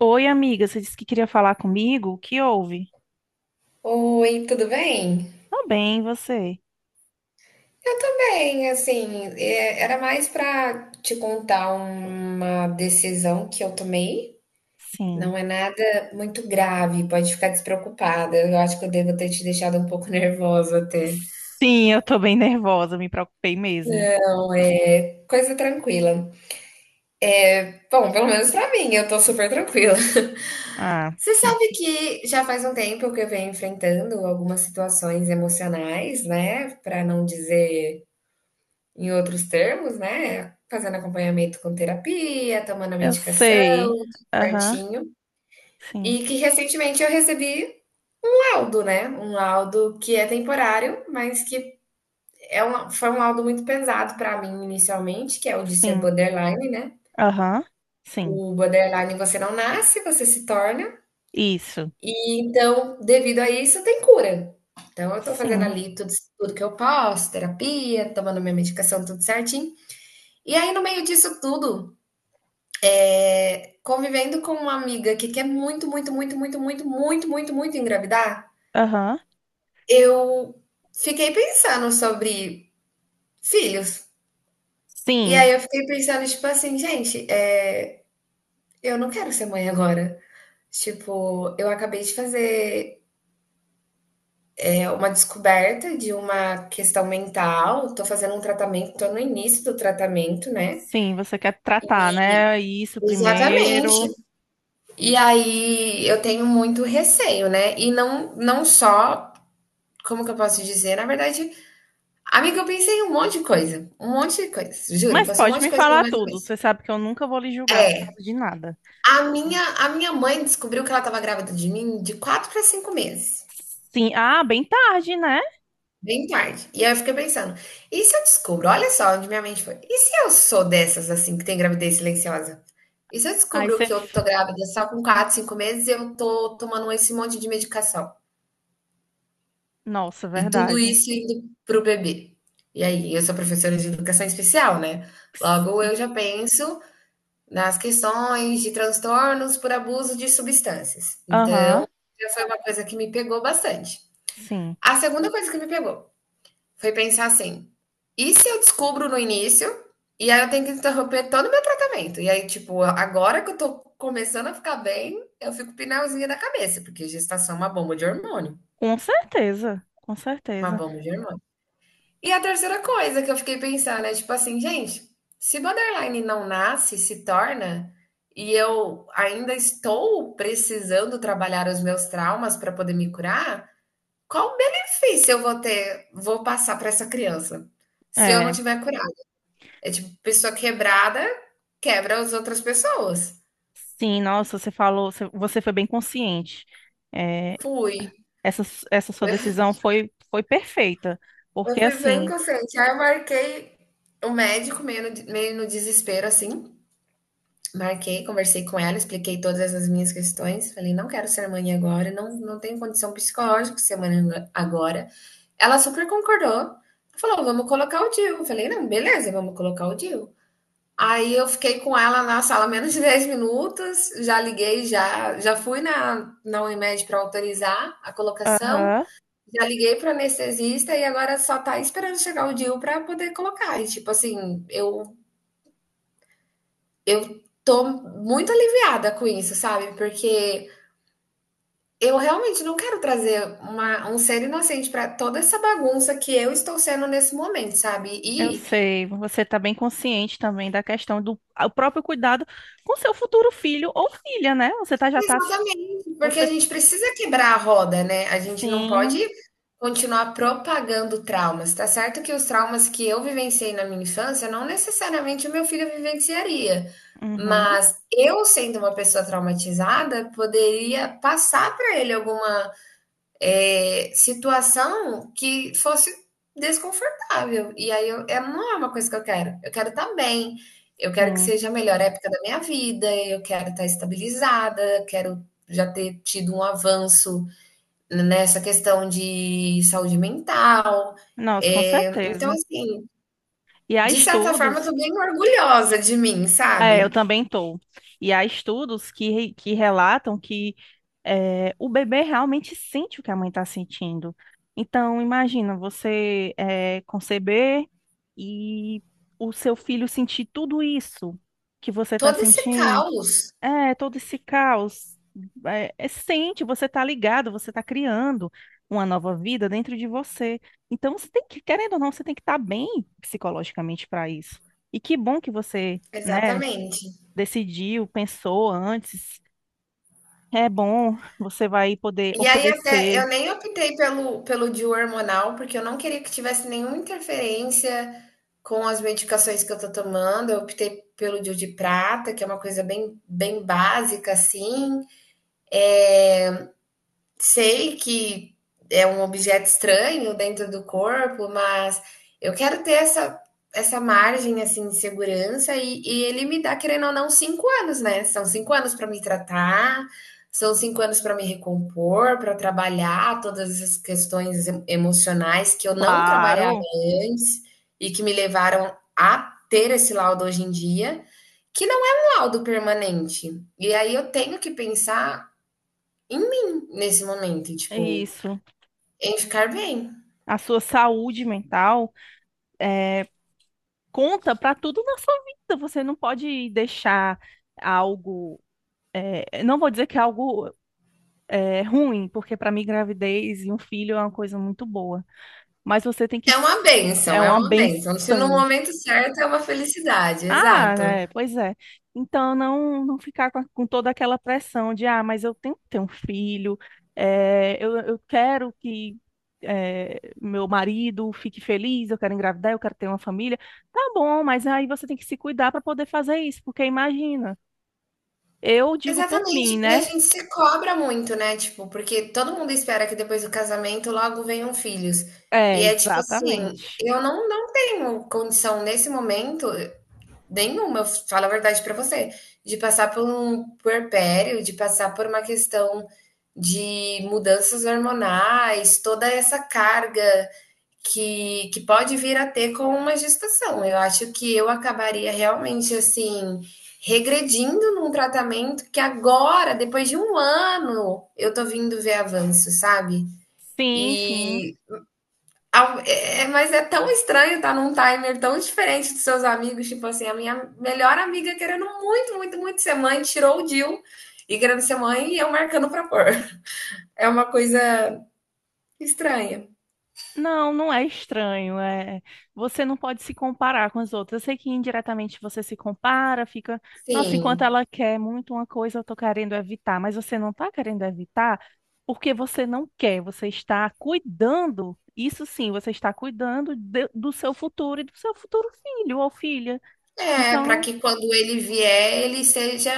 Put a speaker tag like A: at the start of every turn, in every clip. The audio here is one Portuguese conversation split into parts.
A: Oi, amiga, você disse que queria falar comigo? O que houve?
B: Oi, tudo bem?
A: Tô bem, e você?
B: Eu tô bem, assim, era mais pra te contar uma decisão que eu tomei. Não
A: Sim.
B: é nada muito grave, pode ficar despreocupada. Eu acho que eu devo ter te deixado um pouco nervosa até.
A: Sim, eu tô bem nervosa, me preocupei mesmo.
B: Coisa tranquila. Bom, pelo menos pra mim, eu tô super tranquila.
A: Ah,
B: Você sabe que já faz um tempo que eu venho enfrentando algumas situações emocionais, né? Pra não dizer em outros termos, né, fazendo acompanhamento com terapia, tomando a
A: eu
B: medicação,
A: sei.
B: tudo
A: Aham,
B: certinho.
A: sim.
B: E que recentemente eu recebi um laudo, né? Um laudo que é temporário, mas que foi um laudo muito pesado para mim inicialmente, que é o de ser
A: Sim.
B: borderline, né?
A: Aham, sim.
B: O borderline você não nasce, você se torna.
A: Isso.
B: E então, devido a isso, tem cura. Então, eu tô fazendo
A: Sim.
B: ali tudo, tudo que eu posso, terapia, tomando minha medicação, tudo certinho. E aí, no meio disso tudo, é, convivendo com uma amiga que quer muito, muito, muito, muito, muito, muito, muito, muito engravidar,
A: Aham.
B: eu fiquei pensando sobre filhos. E aí
A: Sim.
B: eu fiquei pensando, tipo assim, gente, eu não quero ser mãe agora. Tipo, eu acabei de fazer uma descoberta de uma questão mental, tô fazendo um tratamento, tô no início do tratamento, né?
A: Sim, você quer tratar, né? Isso
B: Exatamente.
A: primeiro.
B: E aí eu tenho muito receio, né? E não, não só, como que eu posso dizer? Na verdade, amiga, eu pensei em um monte de coisa, um monte de coisa, juro,
A: Mas
B: passou um
A: pode
B: monte de
A: me
B: coisa pela
A: falar
B: minha
A: tudo.
B: cabeça.
A: Você sabe que eu nunca vou lhe julgar por
B: É,
A: causa de nada.
B: a minha mãe descobriu que ela estava grávida de mim de 4 para 5 meses,
A: Sim. Ah, bem tarde, né?
B: bem tarde. E aí eu fiquei pensando: "E se eu descubro?" Olha só onde minha mente foi. "E se eu sou dessas, assim, que tem gravidez silenciosa? E se eu
A: Aí
B: descubro
A: você.
B: que eu tô grávida só com 4, 5 meses e eu tô tomando esse monte de medicação?
A: Nossa,
B: E tudo
A: verdade.
B: isso indo para o bebê?" E aí, eu sou professora de educação especial, né, logo
A: Sim.
B: eu já penso nas questões de transtornos por abuso de substâncias. Então,
A: Aham,
B: já foi uma coisa que me pegou bastante.
A: sim.
B: A segunda coisa que me pegou foi pensar assim: e se eu descubro no início e aí eu tenho que interromper todo o meu tratamento? E aí, tipo, agora que eu tô começando a ficar bem, eu fico pinalzinha da cabeça, porque gestação é uma bomba de hormônio.
A: Com certeza, com
B: Uma
A: certeza.
B: bomba de hormônio. E a terceira coisa que eu fiquei pensando é tipo assim, gente, se borderline não nasce, se torna, e eu ainda estou precisando trabalhar os meus traumas para poder me curar, qual benefício eu vou ter, vou passar para essa criança? Se eu não
A: É,
B: tiver curado. É tipo, pessoa quebrada quebra as outras pessoas.
A: sim, nossa, você falou, você foi bem consciente. É,
B: Fui.
A: essa, essa sua decisão foi, foi perfeita,
B: Eu
A: porque
B: fui bem
A: assim,
B: inconsciente. Aí eu marquei o médico meio no desespero, assim. Marquei, conversei com ela, expliquei todas as minhas questões. Falei, não quero ser mãe agora, não, não tenho condição psicológica de ser mãe agora. Ela super concordou. Falou, vamos colocar o DIU. Eu falei, não, beleza, vamos colocar o DIU. Aí eu fiquei com ela na sala menos de 10 minutos, já liguei, já, já fui na Unimed para autorizar a colocação,
A: aham,
B: já liguei para o anestesista e agora só tá esperando chegar o DIU para poder colocar. E tipo assim, eu tô muito aliviada com isso, sabe? Porque eu realmente não quero trazer um ser inocente para toda essa bagunça que eu estou sendo nesse momento, sabe?
A: eu
B: E
A: sei, você está bem consciente também da questão do o próprio cuidado com seu futuro filho ou filha, né? Você tá, já tá,
B: exatamente, porque a
A: você,
B: gente precisa quebrar a roda, né? A gente não
A: sim,
B: pode continuar propagando traumas. Tá certo que os traumas que eu vivenciei na minha infância não necessariamente o meu filho vivenciaria.
A: uhum,
B: Mas eu, sendo uma pessoa traumatizada, poderia passar para ele alguma situação que fosse desconfortável. E aí eu, não é uma coisa que eu quero. Eu quero estar bem, eu quero que
A: sim.
B: seja a melhor época da minha vida, eu quero estar estabilizada, quero já ter tido um avanço nessa questão de saúde mental.
A: Nossa, com
B: É, então,
A: certeza.
B: assim,
A: E há
B: de certa forma, eu
A: estudos.
B: tô bem orgulhosa de mim,
A: É, eu
B: sabe?
A: também tô. E há estudos que, que relatam que é, o bebê realmente sente o que a mãe está sentindo. Então, imagina você é, conceber e o seu filho sentir tudo isso que você está
B: Todo esse
A: sentindo.
B: caos.
A: É, todo esse caos. É, é, sente, você está ligado, você está criando uma nova vida dentro de você. Então, você tem que, querendo ou não, você tem que estar bem psicologicamente para isso. E que bom que você, né,
B: Exatamente.
A: decidiu, pensou antes. É bom, você vai poder
B: E aí até
A: oferecer,
B: eu nem optei pelo DIU hormonal, porque eu não queria que tivesse nenhuma interferência com as medicações que eu tô tomando, eu optei pelo DIU de prata, que é uma coisa bem básica, assim, sei que é um objeto estranho dentro do corpo, mas eu quero ter essa, essa margem assim de segurança e ele me dá, querendo ou não, 5 anos, né? São 5 anos para me tratar, são 5 anos para me recompor, para trabalhar todas essas emocionais que eu não trabalhava
A: claro,
B: antes e que me levaram a ter esse laudo hoje em dia, que não é um laudo permanente. E aí eu tenho que pensar em mim nesse momento,
A: é
B: tipo,
A: isso.
B: em ficar bem.
A: A sua saúde mental conta para tudo na sua vida. Você não pode deixar algo, não vou dizer que é algo ruim, porque para mim gravidez e um filho é uma coisa muito boa, mas você tem que
B: É uma
A: é
B: bênção, é
A: uma
B: uma bênção. Se no
A: benção.
B: momento certo é uma felicidade,
A: Ah,
B: exato.
A: né? Pois é. Então, não, não ficar com, com toda aquela pressão de, mas eu tenho que ter um filho, eu quero que meu marido fique feliz, eu quero engravidar, eu quero ter uma família. Tá bom, mas aí você tem que se cuidar para poder fazer isso, porque imagina, eu digo por mim,
B: Exatamente. E a
A: né?
B: gente se cobra muito, né? Tipo, porque todo mundo espera que depois do casamento logo venham filhos. E
A: É,
B: é tipo assim,
A: exatamente.
B: eu não, não tenho condição nesse momento nenhuma, eu falo a verdade pra você, de passar por um puerpério, de passar por uma questão de mudanças hormonais, toda essa carga que pode vir a ter com uma gestação. Eu acho que eu acabaria realmente assim regredindo num tratamento que agora, depois de 1 ano, eu tô vindo ver avanço, sabe?
A: Sim, sim.
B: E mas é tão estranho estar num timer tão diferente dos seus amigos, tipo assim, a minha melhor amiga querendo muito, muito, muito ser mãe, tirou o DIU e querendo ser mãe e eu marcando pra pôr. É uma coisa estranha.
A: Não, não é estranho. É, você não pode se comparar com as outras. Eu sei que indiretamente você se compara, fica, nossa, enquanto
B: Sim.
A: ela quer muito uma coisa, eu tô querendo evitar, mas você não tá querendo evitar porque você não quer, você está cuidando. Isso sim, você está cuidando do seu futuro e do seu futuro filho ou filha.
B: É,
A: Então,
B: para
A: não...
B: que quando ele vier, ele seja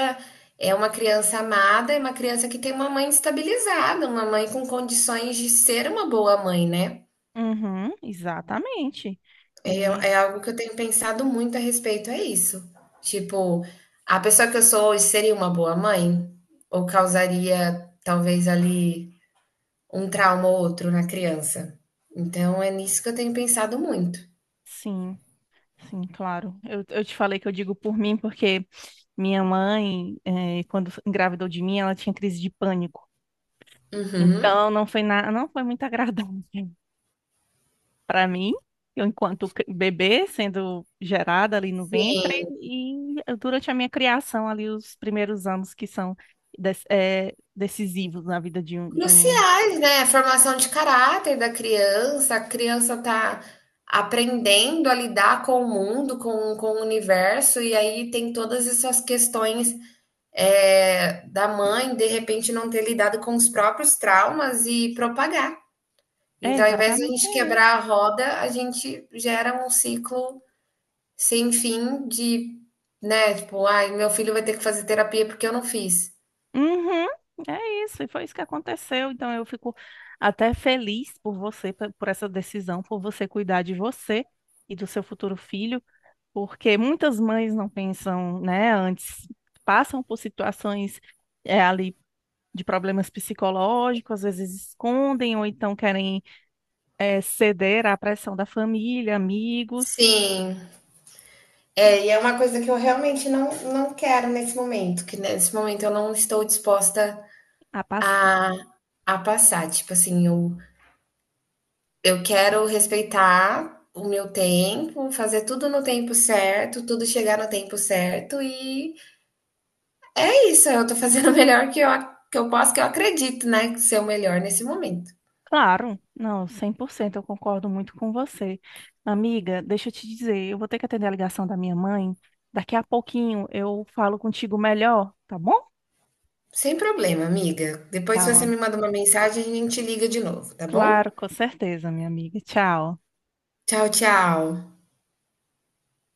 B: é uma criança amada é uma criança que tem uma mãe estabilizada, uma mãe com condições de ser uma boa mãe, né?
A: Uhum, exatamente.
B: É,
A: E
B: é algo que eu tenho pensado muito a respeito, é isso. Tipo, a pessoa que eu sou hoje seria uma boa mãe? Ou causaria, talvez, ali um trauma ou outro na criança? Então, é nisso que eu tenho pensado muito.
A: sim. Sim, claro. Eu te falei que eu digo por mim porque minha mãe, quando engravidou de mim, ela tinha crise de pânico.
B: Uhum.
A: Então, não foi muito agradável para mim, eu enquanto bebê sendo gerada ali no ventre e durante a minha criação ali os primeiros anos que são decisivos na vida de um...
B: Cruciais, né? A formação de caráter da criança, a criança tá aprendendo a lidar com o mundo, com o universo, e aí tem todas essas questões da mãe, de repente, não ter lidado com os próprios traumas e propagar.
A: É,
B: Então, ao invés de a
A: exatamente.
B: gente quebrar a roda, a gente gera um ciclo sem fim de, né, tipo, ai, meu filho vai ter que fazer terapia porque eu não fiz.
A: Uhum, é isso, e foi isso que aconteceu. Então eu fico até feliz por você, por essa decisão, por você cuidar de você e do seu futuro filho, porque muitas mães não pensam, né, antes, passam por situações é, ali de problemas psicológicos, às vezes escondem ou então querem é, ceder à pressão da família, amigos,
B: Sim. É, e é uma coisa que eu realmente não, não quero nesse momento, que nesse momento eu não estou disposta
A: a.
B: a, a passar. Tipo assim, eu quero respeitar o meu tempo, fazer tudo no tempo certo, tudo chegar no tempo certo, e é isso, eu tô fazendo o melhor que eu posso, que eu acredito, né, que ser o melhor nesse momento.
A: Claro, não, 100%, eu concordo muito com você. Amiga, deixa eu te dizer, eu vou ter que atender a ligação da minha mãe. Daqui a pouquinho eu falo contigo melhor, tá bom?
B: Sem problema, amiga. Depois,
A: Tá,
B: se você
A: mano.
B: me manda uma mensagem, a gente liga de novo, tá
A: Claro,
B: bom?
A: com certeza, minha amiga. Tchau.
B: Tchau, tchau.